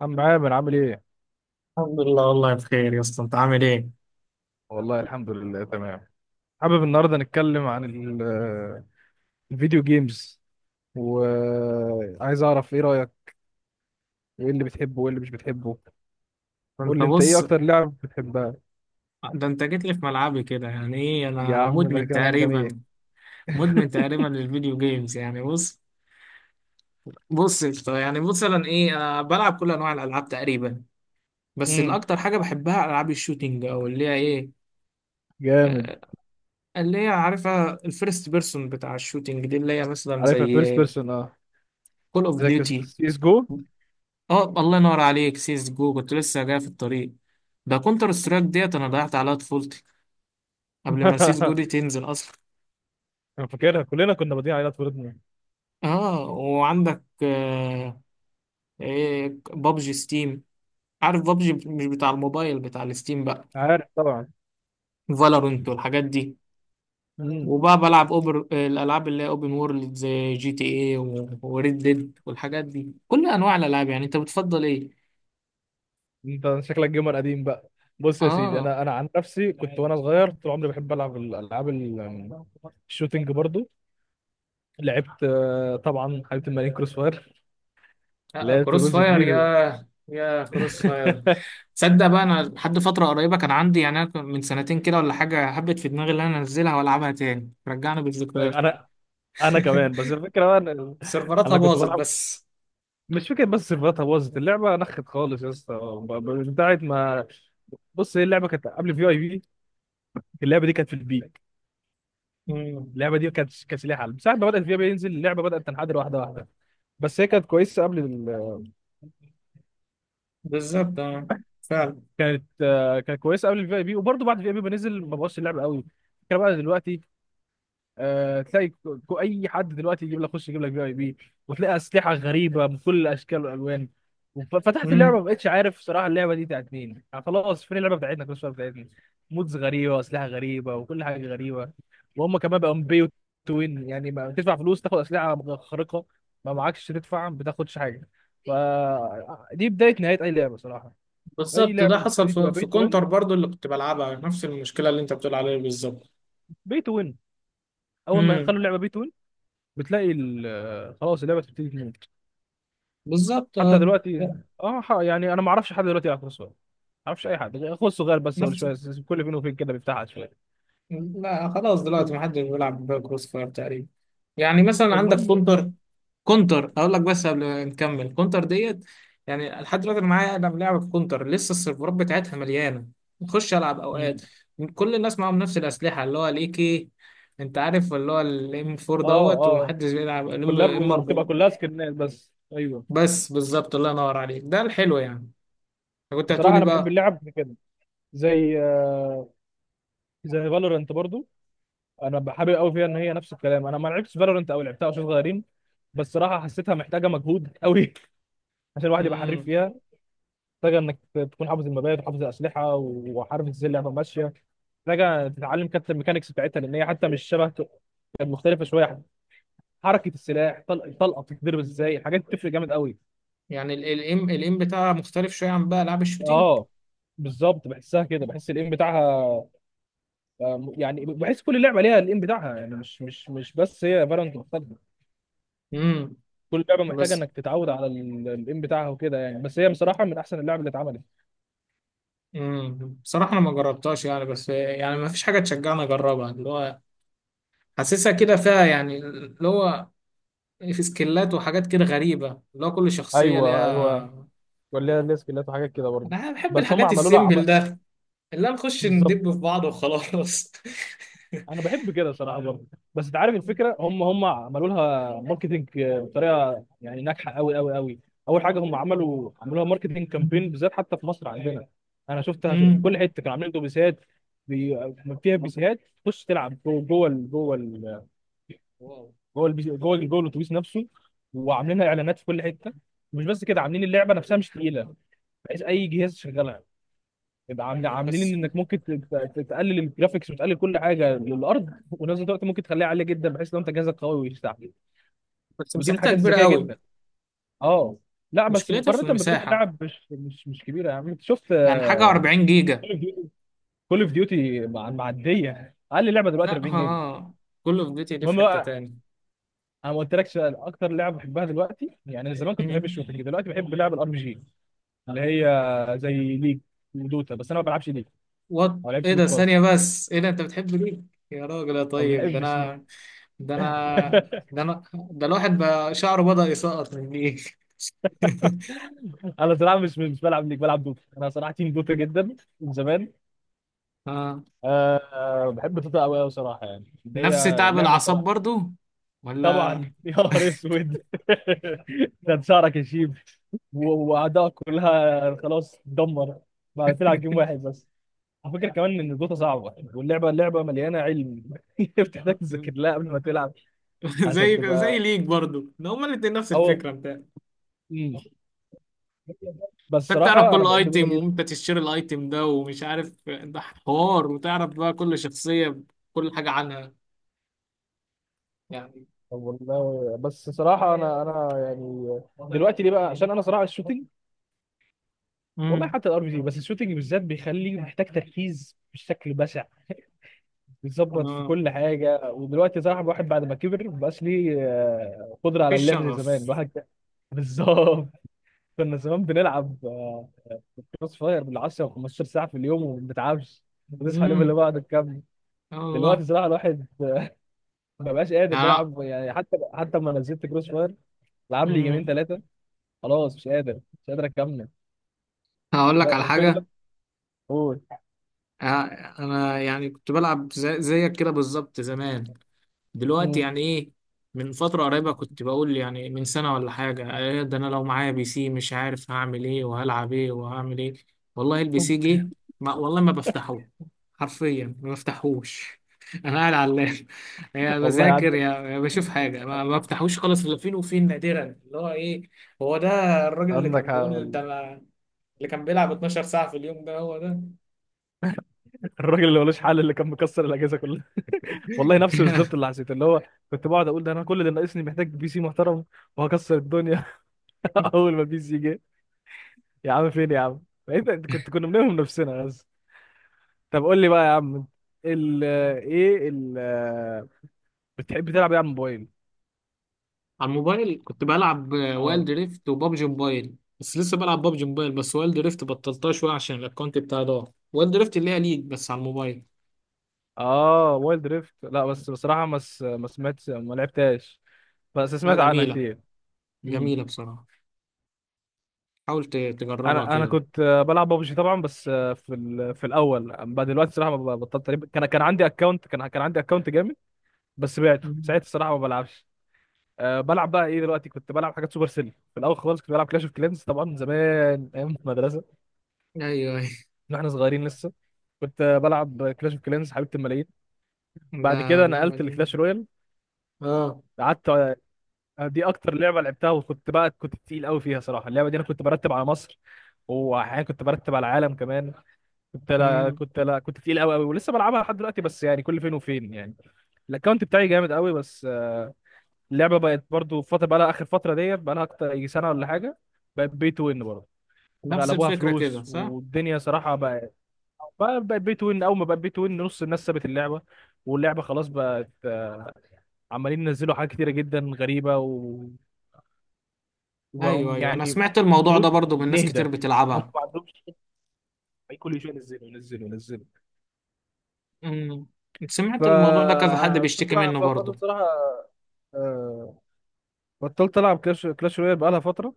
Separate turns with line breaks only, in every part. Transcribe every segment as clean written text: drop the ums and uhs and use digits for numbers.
عم عامر عامل ايه؟
الحمد لله والله بخير يا اسطى، انت عامل ايه؟
والله الحمد لله تمام. حابب النهارده نتكلم عن الفيديو جيمز، وعايز اعرف ايه رأيك، وايه اللي بتحبه وايه اللي مش بتحبه. قول
انت
لي انت ايه
بص،
اكتر لعب بتحبها.
ده انت جيت لي في ملعبي كده، يعني ايه،
يا
انا
عم ده
مدمن
كلام
تقريبا
جميل.
مدمن تقريبا للفيديو جيمز، يعني بص. بص يا اسطى، يعني مثلا ايه، انا بلعب كل انواع الالعاب تقريبا، بس
امم
الاكتر حاجه بحبها العاب الشوتينج، او اللي هي ايه،
جامد.
آه، اللي هي عارفها الفيرست بيرسون بتاع الشوتينج دي، اللي هي مثلا
عارفها فيرست
زي
بيرسون اه.
كول اوف
زي
ديوتي.
سي اس جو.
اه، الله ينور عليك، سيس جو كنت لسه جاي في الطريق. ده كونتر سترايك ديت انا ضيعت عليها طفولتي قبل ما سيس جودي تنزل اصلا.
انا فاكرها كلنا كنا بادئين عليها طفولتنا.
اه، وعندك ايه، بابجي ستيم. عارف بابجي مش بتاع الموبايل، بتاع الستيم بقى.
عارف طبعا.
فالورنت والحاجات دي.
امم
وبقى بلعب اوبر الالعاب اللي هي اوبن وورلد، زي جي تي ايه وريد ديد والحاجات دي، كل انواع الالعاب. يعني انت بتفضل ايه؟
انت شكلك جيمر قديم بقى. بص يا سيدي،
اه،
انا عن نفسي كنت وانا صغير طول عمري بحب العب الالعاب الشوتينج برضو. لعبت طبعا حبيبه الملايين كروس فاير، لعبت
كروس
جزء
فاير،
كبير.
يا كروس فاير. تصدق بقى انا لحد فتره قريبه كان عندي، يعني أنا كان من سنتين كده ولا حاجه حبت في دماغي ان انا انزلها والعبها تاني، رجعنا بالذكريات.
انا انا كمان، بس الفكره بقى ان
سيرفراتها
انا كنت
باظت
بلعب.
بس.
مش فكره، بس سيرفراتها باظت، اللعبه نخت خالص يا اسطى من ساعه ما. بص هي اللعبه كانت قبل في اي، في اللعبه دي كانت في البيك.
مم.
اللعبه دي كانت ليها حل من ساعه ما بدات في اي بي ينزل اللعبه بدات تنحدر واحده واحده. بس هي كانت كويسه قبل.
بالظبط آه. فعلا.
كانت كانت كويسه قبل الفي اي بي، وبرده بعد الفي اي بي بنزل ما بوظش اللعبه قوي. الفكره بقى دلوقتي تلاقي اي حد دلوقتي يجيب لك خش يجيب لك في اي بي، وتلاقي اسلحه غريبه بكل الاشكال والالوان. وف- فتحت اللعبه
مم.
ما بقتش عارف صراحه اللعبه دي بتاعت مين، يعني خلاص فين اللعبه بتاعتنا كل شويه بتاعتنا. مودز غريبه واسلحه غريبه وكل حاجه غريبه، وهم كمان بقوا بيو توين، يعني ما تدفع فلوس تاخد اسلحه خارقه، ما معكش تدفع ما بتاخدش حاجه. فدي بدايه نهايه اي لعبه صراحه. اي
بالظبط، ده
لعبه
حصل
بتبتدي تبقى
في
بيت وين،
كونتر برضو اللي كنت بلعبها، نفس المشكلة اللي انت بتقول عليها بالظبط.
بي تو وين، اول ما
مم.
يخلوا اللعبه بي تو وين بتلاقي خلاص اللعبه بتبتدي تموت.
بالظبط
حتى
آه.
دلوقتي اه يعني انا ما اعرفش حد دلوقتي يلعب كروس فاير، ما اعرفش اي حد غير اخوه الصغير بس هو اللي
نفس.
شويه كل فين وفين كده بيفتحها شويه.
لا، خلاص دلوقتي محدش بيلعب كروس فاير تقريبا. يعني مثلا عندك
المهم.
كونتر اقول لك، بس قبل ما نكمل كونتر ديت، يعني لحد دلوقتي انا معايا، انا بلعب كونتر لسه، السيرفرات بتاعتها مليانه، بخش العب اوقات.
مم.
كل الناس معاهم نفس الاسلحه اللي هو الاي كي. انت عارف اللي هو الام 4
اه
دوت،
اه،
ومحدش بيلعب الام 4.
وبتبقى كلها سكنات بس ايوه.
بس بالظبط الله ينور عليك، ده الحلو يعني. كنت
بصراحه
هتقولي
انا بحب
بقى.
اللعب في كده، زي زي فالورنت برضو. انا بحابب قوي فيها، ان هي نفس الكلام، انا ما لعبتش فالورنت او لعبتها وانا صغيرين، بس صراحه حسيتها محتاجه مجهود قوي عشان الواحد يبقى حريف
امم.
فيها. محتاجة إنك تكون حافظ المبادئ وحافظ الأسلحة وعارف إزاي اللعبة ماشية. محتاجة تتعلم كابتن الميكانيكس بتاعتها، لأن هي حتى مش شبه، كانت مختلفة شوية. حركة السلاح، طلقة بتتضرب إزاي، الحاجات دي بتفرق جامد قوي.
يعني الام بتاعها مختلف شويه عن بقى العاب الشوتينج.
اه بالظبط بحسها كده، بحس الايم بتاعها، يعني بحس كل لعبه ليها الايم بتاعها يعني مش بس هي فالورانت مختلفه.
امم.
كل لعبه محتاجه
بس.
انك تتعود على الايم بتاعها وكده يعني، بس هي بصراحه من احسن اللعب اللي اتعملت.
امم. بصراحه انا ما جربتهاش يعني، بس يعني ما فيش حاجه تشجعني اجربها، اللي هو حاسسها كده فيها، يعني اللي هو في سكيلات وحاجات كده غريبة، اللي هو كل شخصية
ايوه ايوه،
ليها.
ولا ليها سكيلات وحاجات كده برضه.
أنا بحب
بس
الحاجات
عملوا لها عم...
السيمبل ده، اللي هو نخش
بالظبط،
ندب في بعض وخلاص.
انا بحب كده صراحه برضه. بس انت عارف الفكره، هم عملوا لها ماركتنج بطريقه يعني ناجحه قوي. اول حاجه هم عملوا لها ماركتنج كامبين بالذات حتى في مصر عندنا. انا شفتها في
امم.
كل حته كانوا عاملين اتوبيسات بي... فيها بيسيهات، تخش تلعب جوه جوه ال- جوه ال-
واو.
جوه البيسي- جوه ال- جوه الاتوبيس نفسه، وعاملينها اعلانات في كل حته. مش بس كده، عاملين اللعبه نفسها مش تقيله، بحيث اي جهاز يشغلها، يبقى
مم.
عاملين
بس.
انك ممكن تقلل الجرافيكس وتقلل كل حاجه للارض، ونفس الوقت ممكن تخليها عاليه جدا بحيث لو انت جهازك قوي ويستحمل.
بس
ودي من
مساحتها
الحاجات
كبيرة
الذكيه
قوي.
جدا. اه، لا بس
مشكلتها في
مقارنه ببقيه
المساحة،
اللعب مش كبيره يا عم. انت شفت
يعني حاجة 40 جيجا.
كول اوف ديوتي مع معديه، اقل لعبه دلوقتي
لا
40
ها
جيجا.
ها، كل فيديوتي دي
المهم
في حتة
بقى،
تاني.
انا ما قلتلكش اكتر لعبه بحبها دلوقتي. يعني انا زمان كنت بحب
مم.
الشوتنج، دلوقتي بحب لعب الار بي جي، اللي هي زي ليج ودوتا. بس انا ما بلعبش ليج،
وات؟
ما بلعبش
ايه
ليج
ده،
خالص،
ثانية بس، ايه ده، انت بتحب ليه، يا راجل يا
او ما
طيب؟ ده
بحبش ليج.
انا، ده انا ده انا ده الواحد بقى شعره بدأ يسقط من ايه.
انا صراحه مش بلعب ليك، بلعب دوتا. انا صراحه تيم دوتا جدا من زمان.
اه،
أه بحب دوتا قوي صراحه. يعني ان هي
نفس تعب
لعبه
الاعصاب
صراحه،
برضو. ولا.
طبعا. يا نهار اسود ده شعرك يشيب، واعدائك كلها خلاص تدمر بعد تلعب جيم واحد بس. على فكره كمان ان دوتا صعبه يعني. اللعبه مليانه علم بتحتاج تذاكر لها قبل ما تلعب عشان
زي
تبقى
ليك برضو، ده هما الاتنين نفس
اول.
الفكرة بتاعتي.
مم. بس
انت بتعرف
صراحه انا
كل
بحب
ايتم
دوتا.
وامتى تشتري الايتم ده ومش عارف ده حوار، وتعرف بقى كل شخصية، كل حاجة عنها. يعني.
طب والله بس صراحة، أنا يعني دلوقتي ليه بقى؟ عشان أنا صراحة الشوتينج، والله
امم.
حتى الار بي جي، بس الشوتينج بالذات بيخلي محتاج تركيز بشكل بشع، بيظبط في
اه،
كل حاجة. ودلوقتي صراحة الواحد بعد ما كبر مبقاش ليه قدرة
في
على اللعب زي زمان.
الشغف.
الواحد كان- بالظبط. كنا زمان بنلعب كروس فاير بال 10 و15 ساعة في اليوم وما بنتعبش، بنصحى اليوم اللي
امم.
بعده نكمل.
يا الله.
دلوقتي صراحة الواحد ما بقاش قادر
يعني.
بيلعب يعني، حتى حتى لما نزلت كروس فاير لعب لي جيمين
امم.
ثلاثة، خلاص مش قادر، مش قادر اكمل.
هقول لك
لا
على
الفكره،
حاجة.
قول.
آه، انا يعني كنت بلعب زيك كده بالظبط زمان. دلوقتي
مم.
يعني ايه، من فترة قريبة كنت بقول يعني من سنة ولا حاجة إيه ده، انا لو معايا بي سي مش عارف هعمل ايه وهلعب ايه وهعمل ايه. والله البي سي جه، ما والله ما بفتحه، حرفيا ما بفتحوش. انا قاعد على اللاب. يا
والله
بذاكر يا
عندك،
يا بشوف حاجة، ما بفتحوش خالص الا فين وفين نادرا، اللي هو ايه، هو ده الراجل اللي
عندك
كان
حق
بيقول
والله.
اللي كان بيلعب 12 ساعة في اليوم، ده هو ده.
الراجل اللي ملوش حل، اللي كان مكسر الاجهزه كلها. والله نفسه بالظبط اللي حسيت، اللي هو كنت بقعد اقول ده انا كل اللي ناقصني محتاج بي سي محترم وهكسر الدنيا. اول ما البي سي جه، يا عم فين يا عم. بقيت انت كنت، كنا بنلوم نفسنا بس. طب قول لي بقى يا عم ال ايه ال بتحب تلعب ايه على الموبايل.
على الموبايل كنت بلعب
اه
وايلد ريفت وبابجي موبايل، بس لسه بلعب بابجي موبايل بس، وايلد ريفت بطلتها شويه عشان الاكونت بتاعي ضاع. وايلد ريفت اللي هي ليج بس على الموبايل.
اه، وايلد ريفت، لا بس بصراحه ما سمعتش ما لعبتهاش، بس
لا،
سمعت عنها
جميله.
كتير. مم.
جميله بصراحه. حاول تجربها
انا
كده.
كنت بلعب ببجي طبعا، بس في في الاول. بعد دلوقتي الصراحه ما ب- بطلت تقريبا. كان عندي اكونت، كان عندي اكونت جامد بس بعته
مم.
ساعتها، الصراحه ما بلعبش. أه، بلعب بقى ايه دلوقتي. كنت بلعب حاجات سوبر سيل في الاول خالص. كنت بلعب كلاش اوف كلينز طبعا زمان ايام المدرسه
ايوه ايوه.
واحنا صغيرين لسه. كنت بلعب كلاش اوف كلينز حبيبه الملايين.
ده
بعد كده
اللعبه
نقلت
دي.
لكلاش رويال.
اه.
قعدت، دي اكتر لعبه لعبتها، وكنت بقى كنت تقيل قوي فيها صراحه. اللعبه دي انا كنت برتب على مصر، واحيانا كنت برتب على العالم كمان. كنت لا
مم.
كنت لا كنت تقيل قوي، ولسه بلعبها لحد دلوقتي بس يعني كل فين وفين يعني. الاكونت بتاعي جامد قوي، بس اللعبه بقت برضو في فتره، بقى لها اخر فتره ديت بقى لها اكتر يجي سنه ولا حاجه بقت بي تو وين برضه،
نفس
وغلبوها
الفكره كده،
فلوس
صح؟
والدنيا صراحه بقت بقت بي تو وين. اول ما بقت بي تو وين نص الناس سابت اللعبه، واللعبه خلاص بقت عمالين ينزلوا حاجات كتيره جدا غريبه و... وبقوا.
ايوه ايوه، انا سمعت الموضوع ده
المفروض
برضو من ناس
نهدى.
كتير
هم
بتلعبها.
ما عندهمش أي، كل شويه ينزلوا ينزلوا.
مم. سمعت الموضوع ده كذا حد
فكنت
بيشتكي
بقى
منه برضو.
فبرضه بصراحه آه، بطلت العب كلاش رويال بقالها فتره.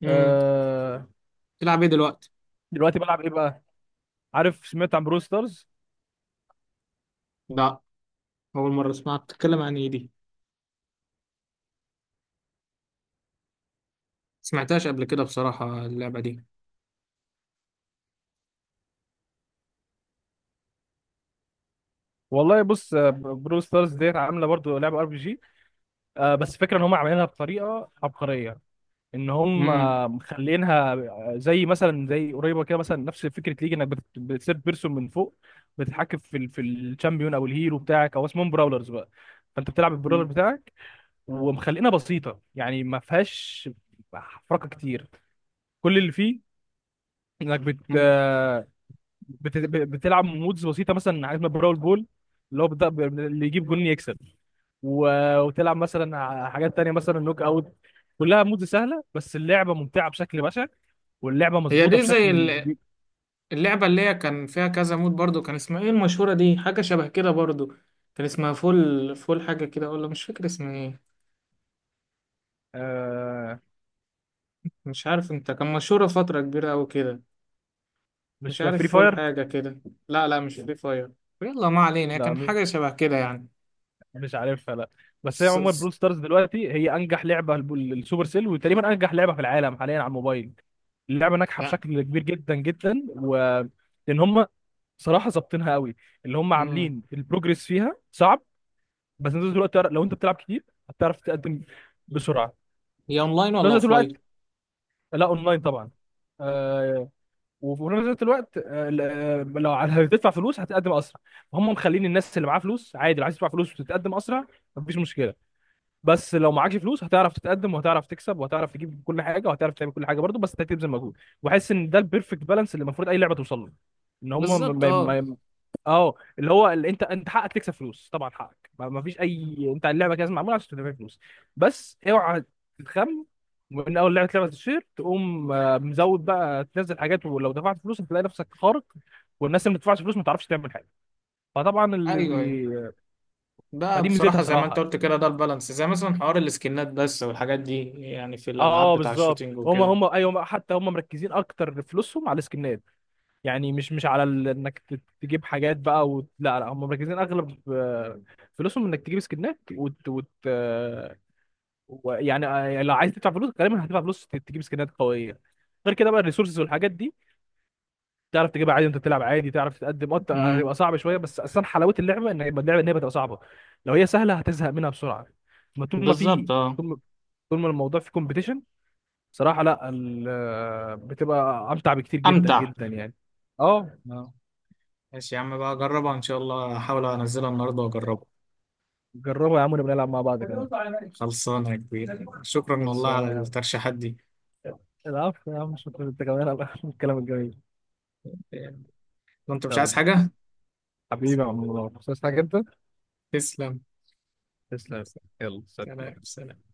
مم.
آه،
تلعب ايه دلوقتي؟
دلوقتي بلعب ايه بقى. عارف سمعت عن برو ستارز.
لا، اول مره اسمعك بتتكلم عن ايه دي، سمعتهاش قبل كده بصراحة اللعبة دي.
والله بص برو ستارز ديت عامله برضه لعبه ار بي جي. بس فكره ان هم عاملينها بطريقه عبقريه، ان هم
امم.
مخلينها زي مثلا زي قريبه كده مثلا نفس فكره ليج، انك بتثيرد بيرسون من فوق، بتتحكم في في الشامبيون او الهيرو بتاعك او اسمهم براولرز بقى. فانت بتلعب البراولر بتاعك، ومخلينها بسيطه يعني ما فيهاش حركه كتير. كل اللي فيه انك
امم.
بتلعب مودز بسيطه، مثلا حاجات من براول بول، اللي هو بت- اللي يجيب جون يكسب. و وتلعب مثلا حاجات تانية مثلا نوك اوت. كلها مودز سهله، بس اللعبه ممتعه بشكل بشع، واللعبه
هي
مظبوطه
دي زي
بشكل كبير.
اللعبة اللي هي كان فيها كذا مود برضو، كان اسمها ايه المشهورة دي؟ حاجة شبه كده برضو، كان اسمها فول فول حاجة كده، ولا مش فاكر اسمها ايه.
آه،
مش عارف انت، كان مشهورة فترة كبيرة أوي كده.
مش
مش
فري
عارف، فول
فاير.
حاجة كده. لا لا، مش فري فاير. يلا ما علينا، هي
لا
كان حاجة شبه كده يعني.
مش عارفها لا. بس هي
س...
عموما
س...
برول ستارز دلوقتي هي انجح لعبه للسوبر سيل، وتقريبا انجح لعبه في العالم حاليا على الموبايل. اللعبه ناجحه
يعني.
بشكل كبير جدا جدا، و لان هم صراحه ظابطينها قوي. اللي هم
مم.
عاملين البروجريس فيها صعب، بس انت طول الوقت لو انت بتلعب كتير هتعرف تقدم بسرعه
هي اونلاين
في
ولا
نفس الوقت.
اوفلاين؟
لا اونلاين طبعا. آه، وفي نفس الوقت آه لو على- هتدفع فلوس هتقدم اسرع. هم مخلين الناس اللي معاها فلوس عادي، اللي عايز تدفع فلوس وتتقدم اسرع مفيش مشكله. بس لو معكش فلوس هتعرف تتقدم، وهتعرف تكسب، وهتعرف تجيب كل حاجه، وهتعرف تعمل كل حاجه برضه، بس انت هتبذل مجهود. وحاسس ان ده البيرفكت بالانس اللي المفروض اي لعبه توصل له، ان هم
بالظبط اه.
اه اللي هو اللي انت حقك تكسب فلوس طبعا حقك، ما ما فيش اي، انت اللعبه كده لازم معموله عشان تدفع فلوس، بس اوعى تتخم من اول لعبه تشير تقوم مزود بقى تنزل حاجات، ولو دفعت فلوس هتلاقي نفسك خارق، والناس اللي ما بتدفعش فلوس ما تعرفش تعمل حاجه. فطبعا اللي
ايوه ايوه،
بي...
ده
فدي ميزتها
بصراحة زي ما انت
صراحه.
قلت كده، ده البالانس، زي مثلا حوار السكنات بس والحاجات دي، يعني في الألعاب
اه
بتاع
بالظبط،
الشوتينج
هم
وكده.
هم ايوه هما- حتى هم مركزين اكتر فلوسهم على السكنات. يعني مش على انك تجيب حاجات بقى وت... لا لا هم مركزين اغلب فلوسهم انك تجيب سكنات يعني لو عايز تدفع فلوس غالبا هتدفع فلوس تجيب سكنات قويه. غير كده بقى الريسورسز والحاجات دي تعرف تجيبها عادي وانت بتلعب عادي تعرف تتقدم اه.
امم.
هتبقى صعب شويه، بس اصلا حلاوه اللعبه ان يبقى اللعبه ان هي بتبقى صعبه، لو هي سهله هتزهق منها بسرعه. ما طول ما
بالظبط
في
اه.
طول ما طول ما الموضوع فيه كومبيتيشن صراحه، لا ال... آه، بتبقى امتع بكتير جدا
امتع.
جدا يعني. اه.
اه. ماشي يا عم بقى، أجربها إن شاء الله، أحاول أنزلها النهاردة وأجربها.
جربوا يا عم، نبقى نلعب مع بعض كمان.
خلصانة يا كبير، شكرا والله
خلصانة
على
يا عم.
الترشيحات دي.
العفو يا عم، شكرا انت كمان على الكلام الجميل.
وأنت مش
يلا
عايز حاجة؟
حبيبي يا عم منور، بس عايز حاجة انت؟
تسلم.
تسلم. يلا سلام.
سلام سلام.